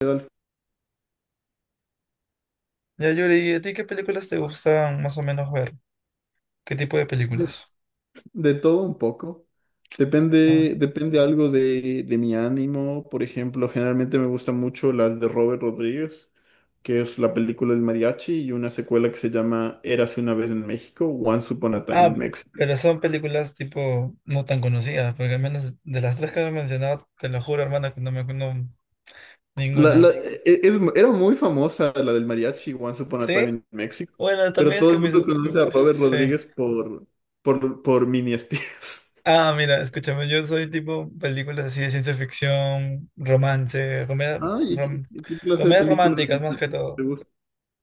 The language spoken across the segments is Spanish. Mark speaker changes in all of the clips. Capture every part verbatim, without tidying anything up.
Speaker 1: De,
Speaker 2: Ya, Yuri, ¿y a ti qué películas te gustan más o menos ver? ¿Qué tipo de películas?
Speaker 1: de todo un poco.
Speaker 2: Ah,
Speaker 1: Depende, depende algo de, de mi ánimo. Por ejemplo, generalmente me gustan mucho las de Robert Rodríguez, que es la película del mariachi y una secuela que se llama Érase una vez en México, Once Upon a Time in
Speaker 2: ah,
Speaker 1: Mexico.
Speaker 2: pero son películas tipo no tan conocidas, porque al menos de las tres que me mencionado, te lo juro, hermano, que no me acuerdo
Speaker 1: La-
Speaker 2: ninguna.
Speaker 1: la- e- es- era muy famosa la del mariachi, Once Upon a Time
Speaker 2: ¿Sí?
Speaker 1: in Mexico,
Speaker 2: Bueno,
Speaker 1: pero
Speaker 2: también es
Speaker 1: todo
Speaker 2: que
Speaker 1: el
Speaker 2: mis...
Speaker 1: mundo
Speaker 2: gu-
Speaker 1: conoce
Speaker 2: mm,
Speaker 1: a Robert
Speaker 2: Sí.
Speaker 1: Rodríguez por, por, por Mini Espías.
Speaker 2: Ah, mira, escúchame, yo soy tipo películas así de ciencia ficción, romance, comedia-
Speaker 1: Ah, ¿y
Speaker 2: rom-
Speaker 1: qué, qué clase de
Speaker 2: comedias
Speaker 1: película
Speaker 2: románticas más que
Speaker 1: te
Speaker 2: todo.
Speaker 1: gusta?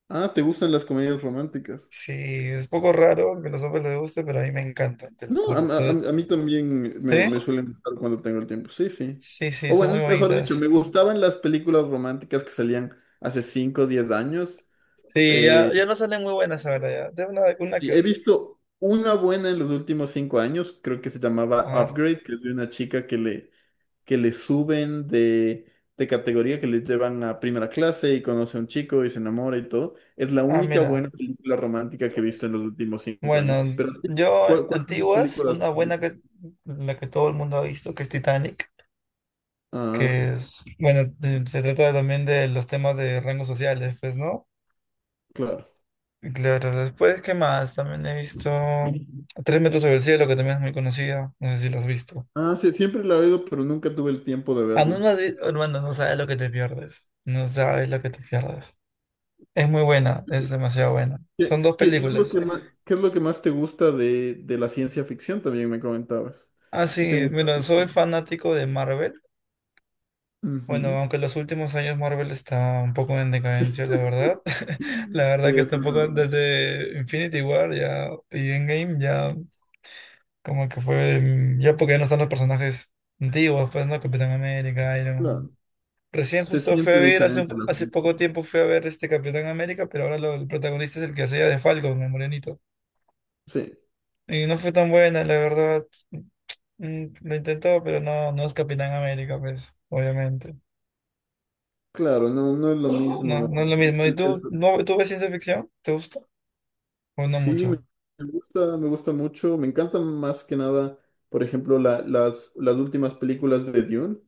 Speaker 1: Ah, ¿te gustan las comedias románticas?
Speaker 2: Sí, es poco raro que a los hombres les guste, pero a mí me encanta, te lo
Speaker 1: No, a,
Speaker 2: juro.
Speaker 1: a- a
Speaker 2: Poder...
Speaker 1: mí también
Speaker 2: ¿Sí?
Speaker 1: me, me suelen gustar cuando tengo el tiempo. Sí, sí.
Speaker 2: Sí, sí,
Speaker 1: O
Speaker 2: son
Speaker 1: bueno,
Speaker 2: muy
Speaker 1: mejor dicho,
Speaker 2: bonitas.
Speaker 1: me gustaban las películas románticas que salían hace cinco o diez años.
Speaker 2: Sí, ya, ya no salen muy buenas ahora, ya. De una, una
Speaker 1: Sí,
Speaker 2: que
Speaker 1: he
Speaker 2: otra.
Speaker 1: visto una buena en los últimos cinco años, creo que se llamaba
Speaker 2: A ver.
Speaker 1: Upgrade, que es de una chica que le, que le suben de, de categoría, que le llevan a primera clase y conoce a un chico y se enamora y todo. Es la
Speaker 2: Ah,
Speaker 1: única
Speaker 2: mira.
Speaker 1: buena película romántica que he visto en los últimos cinco años.
Speaker 2: Bueno,
Speaker 1: Pero
Speaker 2: yo,
Speaker 1: ¿cuál, cuáles son tus
Speaker 2: antiguas,
Speaker 1: películas
Speaker 2: una buena
Speaker 1: favoritas?
Speaker 2: que la que todo el mundo ha visto, que es Titanic,
Speaker 1: Ah,
Speaker 2: que es, bueno, de- se trata también de los temas de rangos sociales, pues, ¿no?
Speaker 1: claro.
Speaker 2: Y claro, después, ¿qué más? También he visto Tres metros sobre el cielo, que también es muy conocida. No sé si lo has visto.
Speaker 1: Ah, sí, siempre la he oído, pero nunca tuve el tiempo de
Speaker 2: Ah, no,
Speaker 1: verla.
Speaker 2: no has vi- bueno, no sabes lo que te pierdes. No sabes lo que te pierdes. Es muy buena, es
Speaker 1: Sí.
Speaker 2: demasiado buena. Son
Speaker 1: ¿Qué,
Speaker 2: dos
Speaker 1: qué- qué es lo
Speaker 2: películas.
Speaker 1: que más, qué es lo que más te gusta de, de la ciencia ficción? También me comentabas.
Speaker 2: Ah,
Speaker 1: ¿Qué te
Speaker 2: sí,
Speaker 1: gusta
Speaker 2: bueno,
Speaker 1: de la
Speaker 2: soy
Speaker 1: ciencia?
Speaker 2: fanático de Marvel. Bueno,
Speaker 1: Ujú.
Speaker 2: aunque en los últimos años Marvel está un poco en
Speaker 1: Sí,
Speaker 2: decadencia, la verdad. La
Speaker 1: sí,
Speaker 2: verdad que está
Speaker 1: eso
Speaker 2: un
Speaker 1: es
Speaker 2: poco
Speaker 1: verdad.
Speaker 2: desde Infinity War ya y Endgame ya como que fue mm, ya porque ya no están los personajes antiguos, pues no, Capitán América, Iron Man.
Speaker 1: Claro.
Speaker 2: Recién
Speaker 1: Se
Speaker 2: justo fui
Speaker 1: siente
Speaker 2: a ver, hace, un
Speaker 1: diferente
Speaker 2: po-
Speaker 1: la
Speaker 2: hace poco
Speaker 1: franquicia.
Speaker 2: tiempo fui a ver este Capitán América, pero ahora lo- el protagonista es el que hacía de Falcon, el morenito.
Speaker 1: Sí,
Speaker 2: Y no fue tan buena, la verdad. Mm, Lo intentó, pero no, no es Capitán América, pues, obviamente.
Speaker 1: claro, no, no es lo
Speaker 2: No,
Speaker 1: mismo.
Speaker 2: no es lo
Speaker 1: El-
Speaker 2: mismo. ¿Y
Speaker 1: el-
Speaker 2: tú,
Speaker 1: el-
Speaker 2: no, tú ves ciencia ficción? ¿Te gusta? ¿O no
Speaker 1: sí,
Speaker 2: mucho?
Speaker 1: me me gusta, me gusta mucho. Me encantan más que nada, por ejemplo, la- las, las últimas películas de Dune.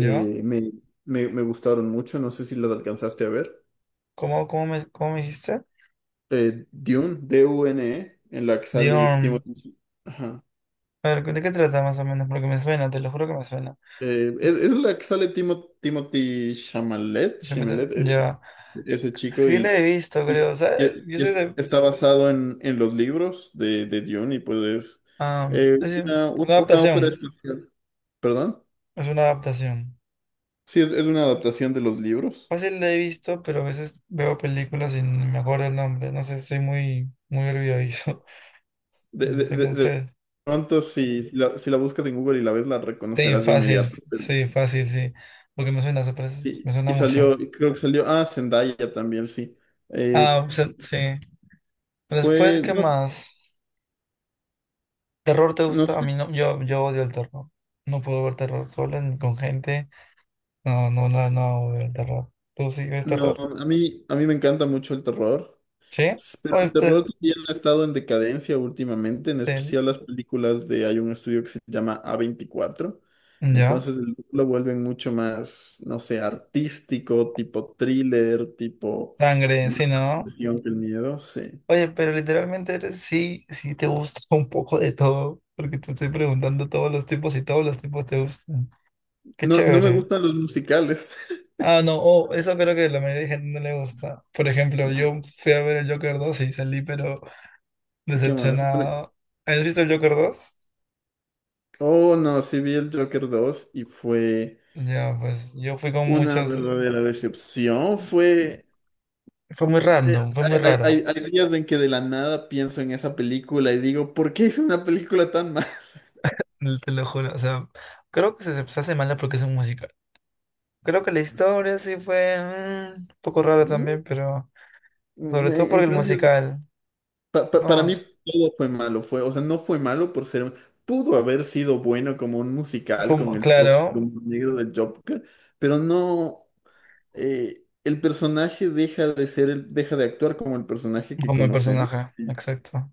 Speaker 2: Ya.
Speaker 1: me, me, me gustaron mucho, no sé si las alcanzaste a ver.
Speaker 2: ¿Cómo, cómo me, ¿cómo me dijiste?
Speaker 1: Eh, Dune, D U N E, en la que sale
Speaker 2: Dion.
Speaker 1: Timothy. Ajá.
Speaker 2: A ver, ¿de qué trata más o menos? Porque me suena, te lo juro que me suena.
Speaker 1: Eh,
Speaker 2: Mm,
Speaker 1: es, es la que sale Timo- Timothy Chalamet,
Speaker 2: Se me te-
Speaker 1: Chalamet, eh,
Speaker 2: Ya.
Speaker 1: ese chico,
Speaker 2: Sí la
Speaker 1: y,
Speaker 2: he visto,
Speaker 1: y
Speaker 2: creo. ¿Sabes?
Speaker 1: es-
Speaker 2: Yo
Speaker 1: y
Speaker 2: soy
Speaker 1: es-
Speaker 2: de...
Speaker 1: está basado en, en los libros de, de Dune, y pues es
Speaker 2: ah,
Speaker 1: eh,
Speaker 2: es decir,
Speaker 1: una, un-
Speaker 2: una
Speaker 1: una ópera
Speaker 2: adaptación.
Speaker 1: espacial. ¿Perdón?
Speaker 2: Es una adaptación.
Speaker 1: Sí, es, es una adaptación de los libros.
Speaker 2: Fácil la he visto, pero a veces veo películas y no me acuerdo el nombre. No sé, soy muy, muy olvidadizo.
Speaker 1: de de
Speaker 2: Tengo un
Speaker 1: de-
Speaker 2: sed.
Speaker 1: Pronto, si la, si la buscas en Google y la ves, la
Speaker 2: Sí,
Speaker 1: reconocerás de
Speaker 2: fácil,
Speaker 1: inmediato.
Speaker 2: sí, fácil, sí. Porque me suena, se parece- me
Speaker 1: Y,
Speaker 2: suena
Speaker 1: y
Speaker 2: mucho.
Speaker 1: salió, creo que salió, ah, Zendaya también, sí. Eh,
Speaker 2: Ah, se- sí. Después,
Speaker 1: fue,
Speaker 2: ¿qué
Speaker 1: no,
Speaker 2: más? ¿Terror te
Speaker 1: no
Speaker 2: gusta? A
Speaker 1: sé,
Speaker 2: mí no, yo, yo odio el terror. No puedo ver terror sola ni con gente. No, no, no, no veo el terror. ¿Tú sí ves
Speaker 1: no,
Speaker 2: terror?
Speaker 1: a mí, a mí me encanta mucho el terror,
Speaker 2: ¿Sí?
Speaker 1: pero el
Speaker 2: Oye, te-
Speaker 1: terror también ha estado en decadencia últimamente, en
Speaker 2: te-
Speaker 1: especial las películas de, hay un estudio que se llama a veinticuatro,
Speaker 2: ya.
Speaker 1: entonces el- lo vuelven mucho más, no sé, artístico, tipo thriller, tipo
Speaker 2: Sangre,
Speaker 1: más
Speaker 2: sí, ¿no?
Speaker 1: presión que el miedo, sí.
Speaker 2: Oye, pero literalmente eres, sí, sí te gusta un poco de todo. Porque te estoy preguntando todos los tipos y todos los tipos te gustan. Qué
Speaker 1: No, no me
Speaker 2: chévere.
Speaker 1: gustan los musicales.
Speaker 2: Ah, no, oh, eso creo que la mayoría de gente no le gusta. Por ejemplo,
Speaker 1: Eh,
Speaker 2: yo fui a ver el Joker dos y salí, pero
Speaker 1: ¿Qué más? Bueno,
Speaker 2: decepcionado. ¿Has visto el Joker dos?
Speaker 1: oh, no, sí vi el Joker dos y fue
Speaker 2: Ya, pues yo fui con
Speaker 1: una
Speaker 2: muchas... eh,
Speaker 1: verdadera decepción. Fue...
Speaker 2: fue muy random, fue muy
Speaker 1: Hay,
Speaker 2: raro,
Speaker 1: hay, hay hay días en que de la nada pienso en esa película y digo, ¿por qué hice una película tan mala?
Speaker 2: l- te lo juro. O sea, creo que se, se hace mala porque es un musical. Creo que la historia sí fue mm, un poco rara
Speaker 1: ¿Mm?
Speaker 2: también, pero
Speaker 1: En,
Speaker 2: sobre todo por
Speaker 1: en
Speaker 2: el
Speaker 1: cambio,
Speaker 2: musical.
Speaker 1: pa- pa- para
Speaker 2: No,
Speaker 1: mí
Speaker 2: es
Speaker 1: todo fue malo. Fue, o sea, no fue malo por ser. Pudo haber sido bueno como un musical con
Speaker 2: como,
Speaker 1: el toque del
Speaker 2: claro,
Speaker 1: humor negro del Joker, pero no. Eh, el personaje deja de ser, el- deja de actuar como el personaje que
Speaker 2: como el
Speaker 1: conocemos
Speaker 2: personaje,
Speaker 1: y,
Speaker 2: exacto.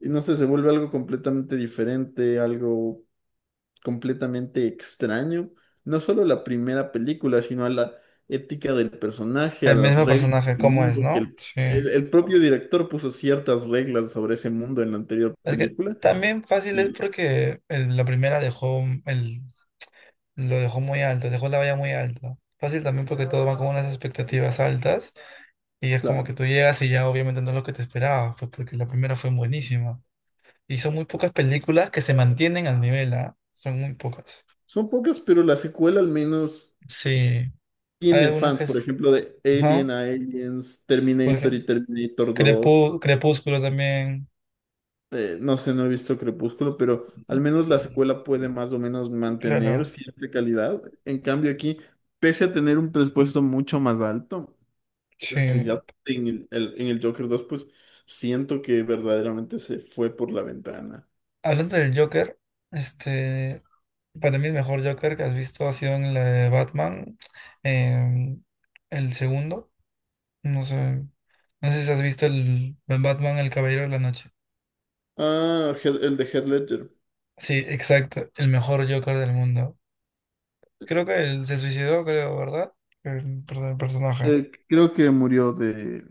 Speaker 1: y no sé, se vuelve algo completamente diferente, algo completamente extraño. No solo a la primera película, sino a la ética del personaje, a
Speaker 2: El
Speaker 1: las
Speaker 2: mismo
Speaker 1: reglas
Speaker 2: personaje,
Speaker 1: del
Speaker 2: ¿cómo es,
Speaker 1: mundo, que
Speaker 2: no?
Speaker 1: el,
Speaker 2: Sí.
Speaker 1: el- el propio director puso ciertas reglas sobre ese mundo en la anterior
Speaker 2: Es que
Speaker 1: película.
Speaker 2: también fácil es
Speaker 1: Y
Speaker 2: porque el- la primera dejó un- el, lo dejó muy alto, dejó la valla muy alta. Fácil también porque todo va con unas expectativas altas y es como que
Speaker 1: claro,
Speaker 2: tú llegas y ya obviamente no es lo que te esperabas, pues porque la primera fue buenísima. Y son muy pocas películas que se mantienen al nivel, ¿ah? Son muy pocas.
Speaker 1: son pocas, pero la secuela al menos.
Speaker 2: Sí, hay
Speaker 1: Tiene
Speaker 2: algunas
Speaker 1: fans,
Speaker 2: que...
Speaker 1: por
Speaker 2: s-
Speaker 1: ejemplo, de
Speaker 2: ajá.
Speaker 1: Alien a Aliens,
Speaker 2: Por
Speaker 1: Terminator y
Speaker 2: ejemplo,
Speaker 1: Terminator dos.
Speaker 2: Crepú- Crepúsculo también,
Speaker 1: Eh, no sé, no he visto Crepúsculo, pero al menos la secuela puede más o menos mantener
Speaker 2: claro.
Speaker 1: cierta calidad. En cambio aquí, pese a tener un presupuesto mucho más alto,
Speaker 2: Sí.
Speaker 1: la calidad en el, el- en el Joker dos pues siento que verdaderamente se fue por la ventana.
Speaker 2: Hablando del Joker, este... Para mí el mejor Joker que has visto ha sido en la de Batman, eh, el segundo. No sé, no sé si has visto el, el Batman, el Caballero de la Noche.
Speaker 1: Ah, Heath- el de Heath Ledger.
Speaker 2: Sí, exacto, el mejor Joker del mundo. Creo que él se suicidó, creo, ¿verdad? El, per- el personaje.
Speaker 1: Eh, creo que murió de,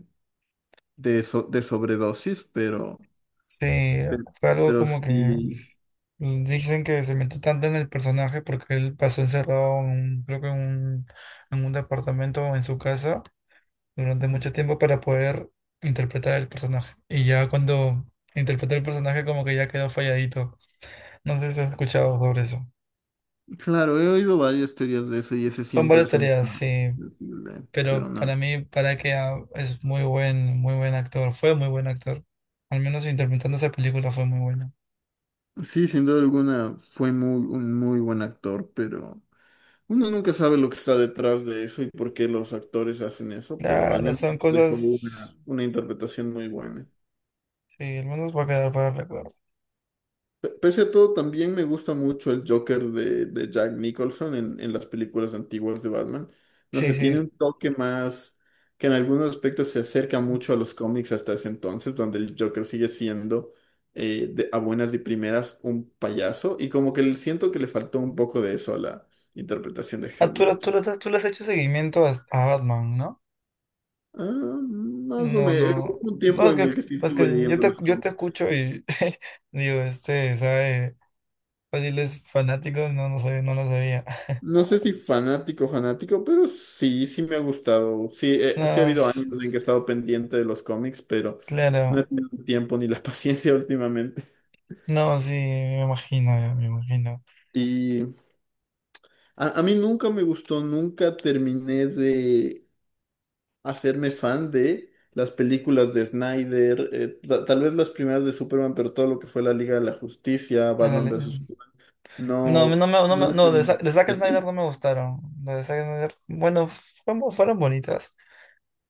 Speaker 1: de, so- de sobredosis, pero,
Speaker 2: Sí,
Speaker 1: pero,
Speaker 2: fue algo
Speaker 1: pero
Speaker 2: como que
Speaker 1: sí.
Speaker 2: dicen que se metió tanto en el personaje porque él pasó encerrado, en un- creo que en un, en un departamento o en su casa, durante
Speaker 1: Ujú.
Speaker 2: mucho tiempo para poder interpretar el personaje. Y ya cuando interpreté el personaje como que ya quedó falladito. No sé si has escuchado sobre eso.
Speaker 1: Claro, he oído varias teorías de eso y ese
Speaker 2: Son
Speaker 1: siempre
Speaker 2: varias
Speaker 1: es un
Speaker 2: tareas,
Speaker 1: tema
Speaker 2: sí,
Speaker 1: sensible, pero
Speaker 2: pero
Speaker 1: no.
Speaker 2: para mí, para que ah, es muy buen, muy buen actor, fue muy buen actor. Al menos interpretando esa película fue muy buena.
Speaker 1: Sí, sin duda alguna fue muy, un muy buen actor, pero uno nunca sabe lo que está detrás de eso y por qué los actores hacen eso, pero al
Speaker 2: Claro,
Speaker 1: menos
Speaker 2: son
Speaker 1: dejó
Speaker 2: cosas,
Speaker 1: una, una interpretación muy buena.
Speaker 2: sí, al menos va a quedar para el recuerdo.
Speaker 1: Pese a todo, también me gusta mucho el Joker de, de Jack Nicholson en, en las películas antiguas de Batman. No
Speaker 2: Sí,
Speaker 1: sé, tiene
Speaker 2: sí.
Speaker 1: un toque más que en algunos aspectos se acerca mucho a los cómics hasta ese entonces, donde el Joker sigue siendo eh, de- a buenas y primeras un payaso y como que le- siento que le faltó un poco de eso a la interpretación de
Speaker 2: Ah,
Speaker 1: Heath
Speaker 2: tú, tú,
Speaker 1: Ledger.
Speaker 2: tú, tú le has hecho seguimiento a, a Batman, ¿no?
Speaker 1: Ah, Más o
Speaker 2: No,
Speaker 1: menos,
Speaker 2: no,
Speaker 1: hubo un
Speaker 2: no,
Speaker 1: tiempo
Speaker 2: es
Speaker 1: en el
Speaker 2: que,
Speaker 1: que sí
Speaker 2: es
Speaker 1: estuve
Speaker 2: que yo
Speaker 1: leyendo
Speaker 2: te,
Speaker 1: los
Speaker 2: yo te
Speaker 1: cómics.
Speaker 2: escucho y digo, este, sabe, fáciles fanáticos, no, no sabía, no lo sabía.
Speaker 1: No sé si fanático, fanático, pero sí, sí me ha gustado. Sí,
Speaker 2: No,
Speaker 1: eh, sí ha habido años
Speaker 2: s-
Speaker 1: en que he estado pendiente de los cómics, pero no he
Speaker 2: claro,
Speaker 1: tenido el tiempo ni la paciencia últimamente.
Speaker 2: no, sí, me imagino, ya, me imagino.
Speaker 1: Y a, a mí nunca me gustó, nunca terminé de hacerme fan de las películas de Snyder, eh, ta- tal vez las primeras de Superman, pero todo lo que fue la Liga de la Justicia, Batman
Speaker 2: A
Speaker 1: versus Superman,
Speaker 2: no, no me,
Speaker 1: no,
Speaker 2: no
Speaker 1: no
Speaker 2: me-
Speaker 1: me
Speaker 2: no, de, Sa-
Speaker 1: terminé.
Speaker 2: de Zack
Speaker 1: ¿Y a
Speaker 2: Snyder no
Speaker 1: ti?
Speaker 2: me gustaron. Las de Zack Snyder, bueno, fueron, fueron bonitas,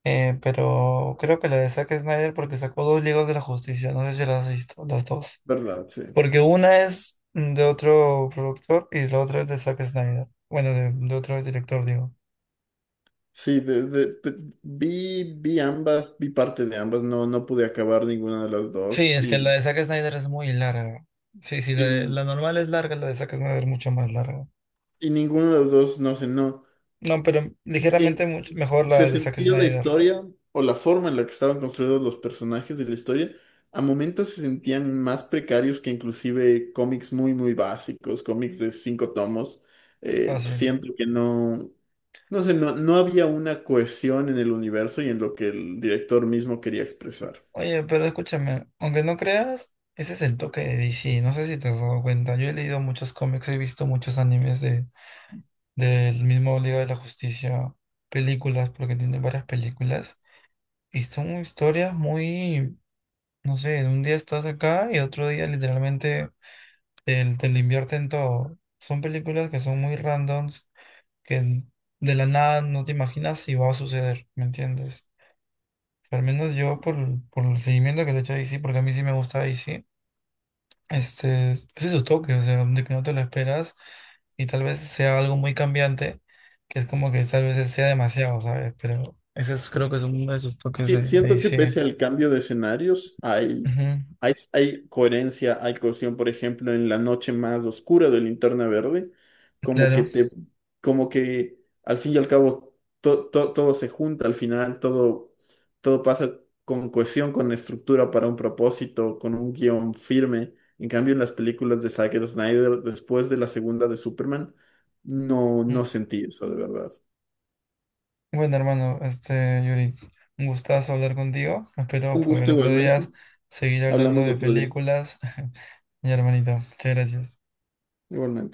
Speaker 2: eh, pero creo que la de Zack Snyder porque sacó dos Ligas de la Justicia, no sé si las has visto, las dos.
Speaker 1: ¿Verdad? Sí.
Speaker 2: Porque una es de otro productor y la otra es de Zack Snyder. Bueno, de, de otro director, digo.
Speaker 1: Sí, de- de- pe- vi, vi ambas, vi parte de ambas, no, no pude acabar ninguna de las
Speaker 2: Sí,
Speaker 1: dos
Speaker 2: es que la
Speaker 1: y,
Speaker 2: de Zack Snyder es muy larga. Sí, sí, la, de- la
Speaker 1: y,
Speaker 2: normal es larga, la de Zack Snyder es mucho más larga.
Speaker 1: y ninguno de los dos, no sé, no.
Speaker 2: No, pero ligeramente
Speaker 1: en-
Speaker 2: much- mejor la
Speaker 1: Se
Speaker 2: de Zack
Speaker 1: sentía la
Speaker 2: Snyder.
Speaker 1: historia o la forma en la que estaban construidos los personajes de la historia, a momentos se sentían más precarios que inclusive cómics muy, muy básicos, cómics de cinco tomos. Eh,
Speaker 2: Fácil.
Speaker 1: siento que no, no sé, no, no había una cohesión en el universo y en lo que el director mismo quería expresar.
Speaker 2: Oye, pero escúchame, aunque no creas, ese es el toque de D C. No sé si te has dado cuenta. Yo he leído muchos cómics, he visto muchos animes de, del mismo Liga de la Justicia, películas, porque tiene varias películas. Y son historias muy, no sé, un día estás acá y otro día literalmente te, te lo invierten todo. Son películas que son muy randoms, que de la nada no te imaginas si va a suceder, ¿me entiendes? Al menos yo por, por el seguimiento que le he hecho a D C, porque a mí sí me gusta D C, este, ese es su toque, o sea, de que no te lo esperas y tal vez sea algo muy cambiante, que es como que tal vez sea demasiado, ¿sabes? Pero ese es- creo que es uno de esos toques
Speaker 1: Sí,
Speaker 2: de, de
Speaker 1: siento que
Speaker 2: D C.
Speaker 1: pese al cambio de escenarios, hay,
Speaker 2: Ujú,
Speaker 1: hay, hay coherencia, hay cohesión, por ejemplo, en la noche más oscura de Linterna Verde, como que
Speaker 2: claro.
Speaker 1: te, como que al fin y al cabo to- to- todo se junta al final, todo, todo pasa con cohesión, con estructura para un propósito, con un guión firme. En cambio, en las películas de Zack Snyder, después de la segunda de Superman, no,
Speaker 2: Mm.
Speaker 1: no sentí eso de verdad.
Speaker 2: Bueno, hermano, este, Yuri, un gustazo hablar contigo. Espero
Speaker 1: Un
Speaker 2: poder
Speaker 1: gusto
Speaker 2: otro
Speaker 1: igualmente.
Speaker 2: día seguir hablando
Speaker 1: Hablamos
Speaker 2: de
Speaker 1: otro día.
Speaker 2: películas. Mi hermanito, muchas gracias.
Speaker 1: Igualmente.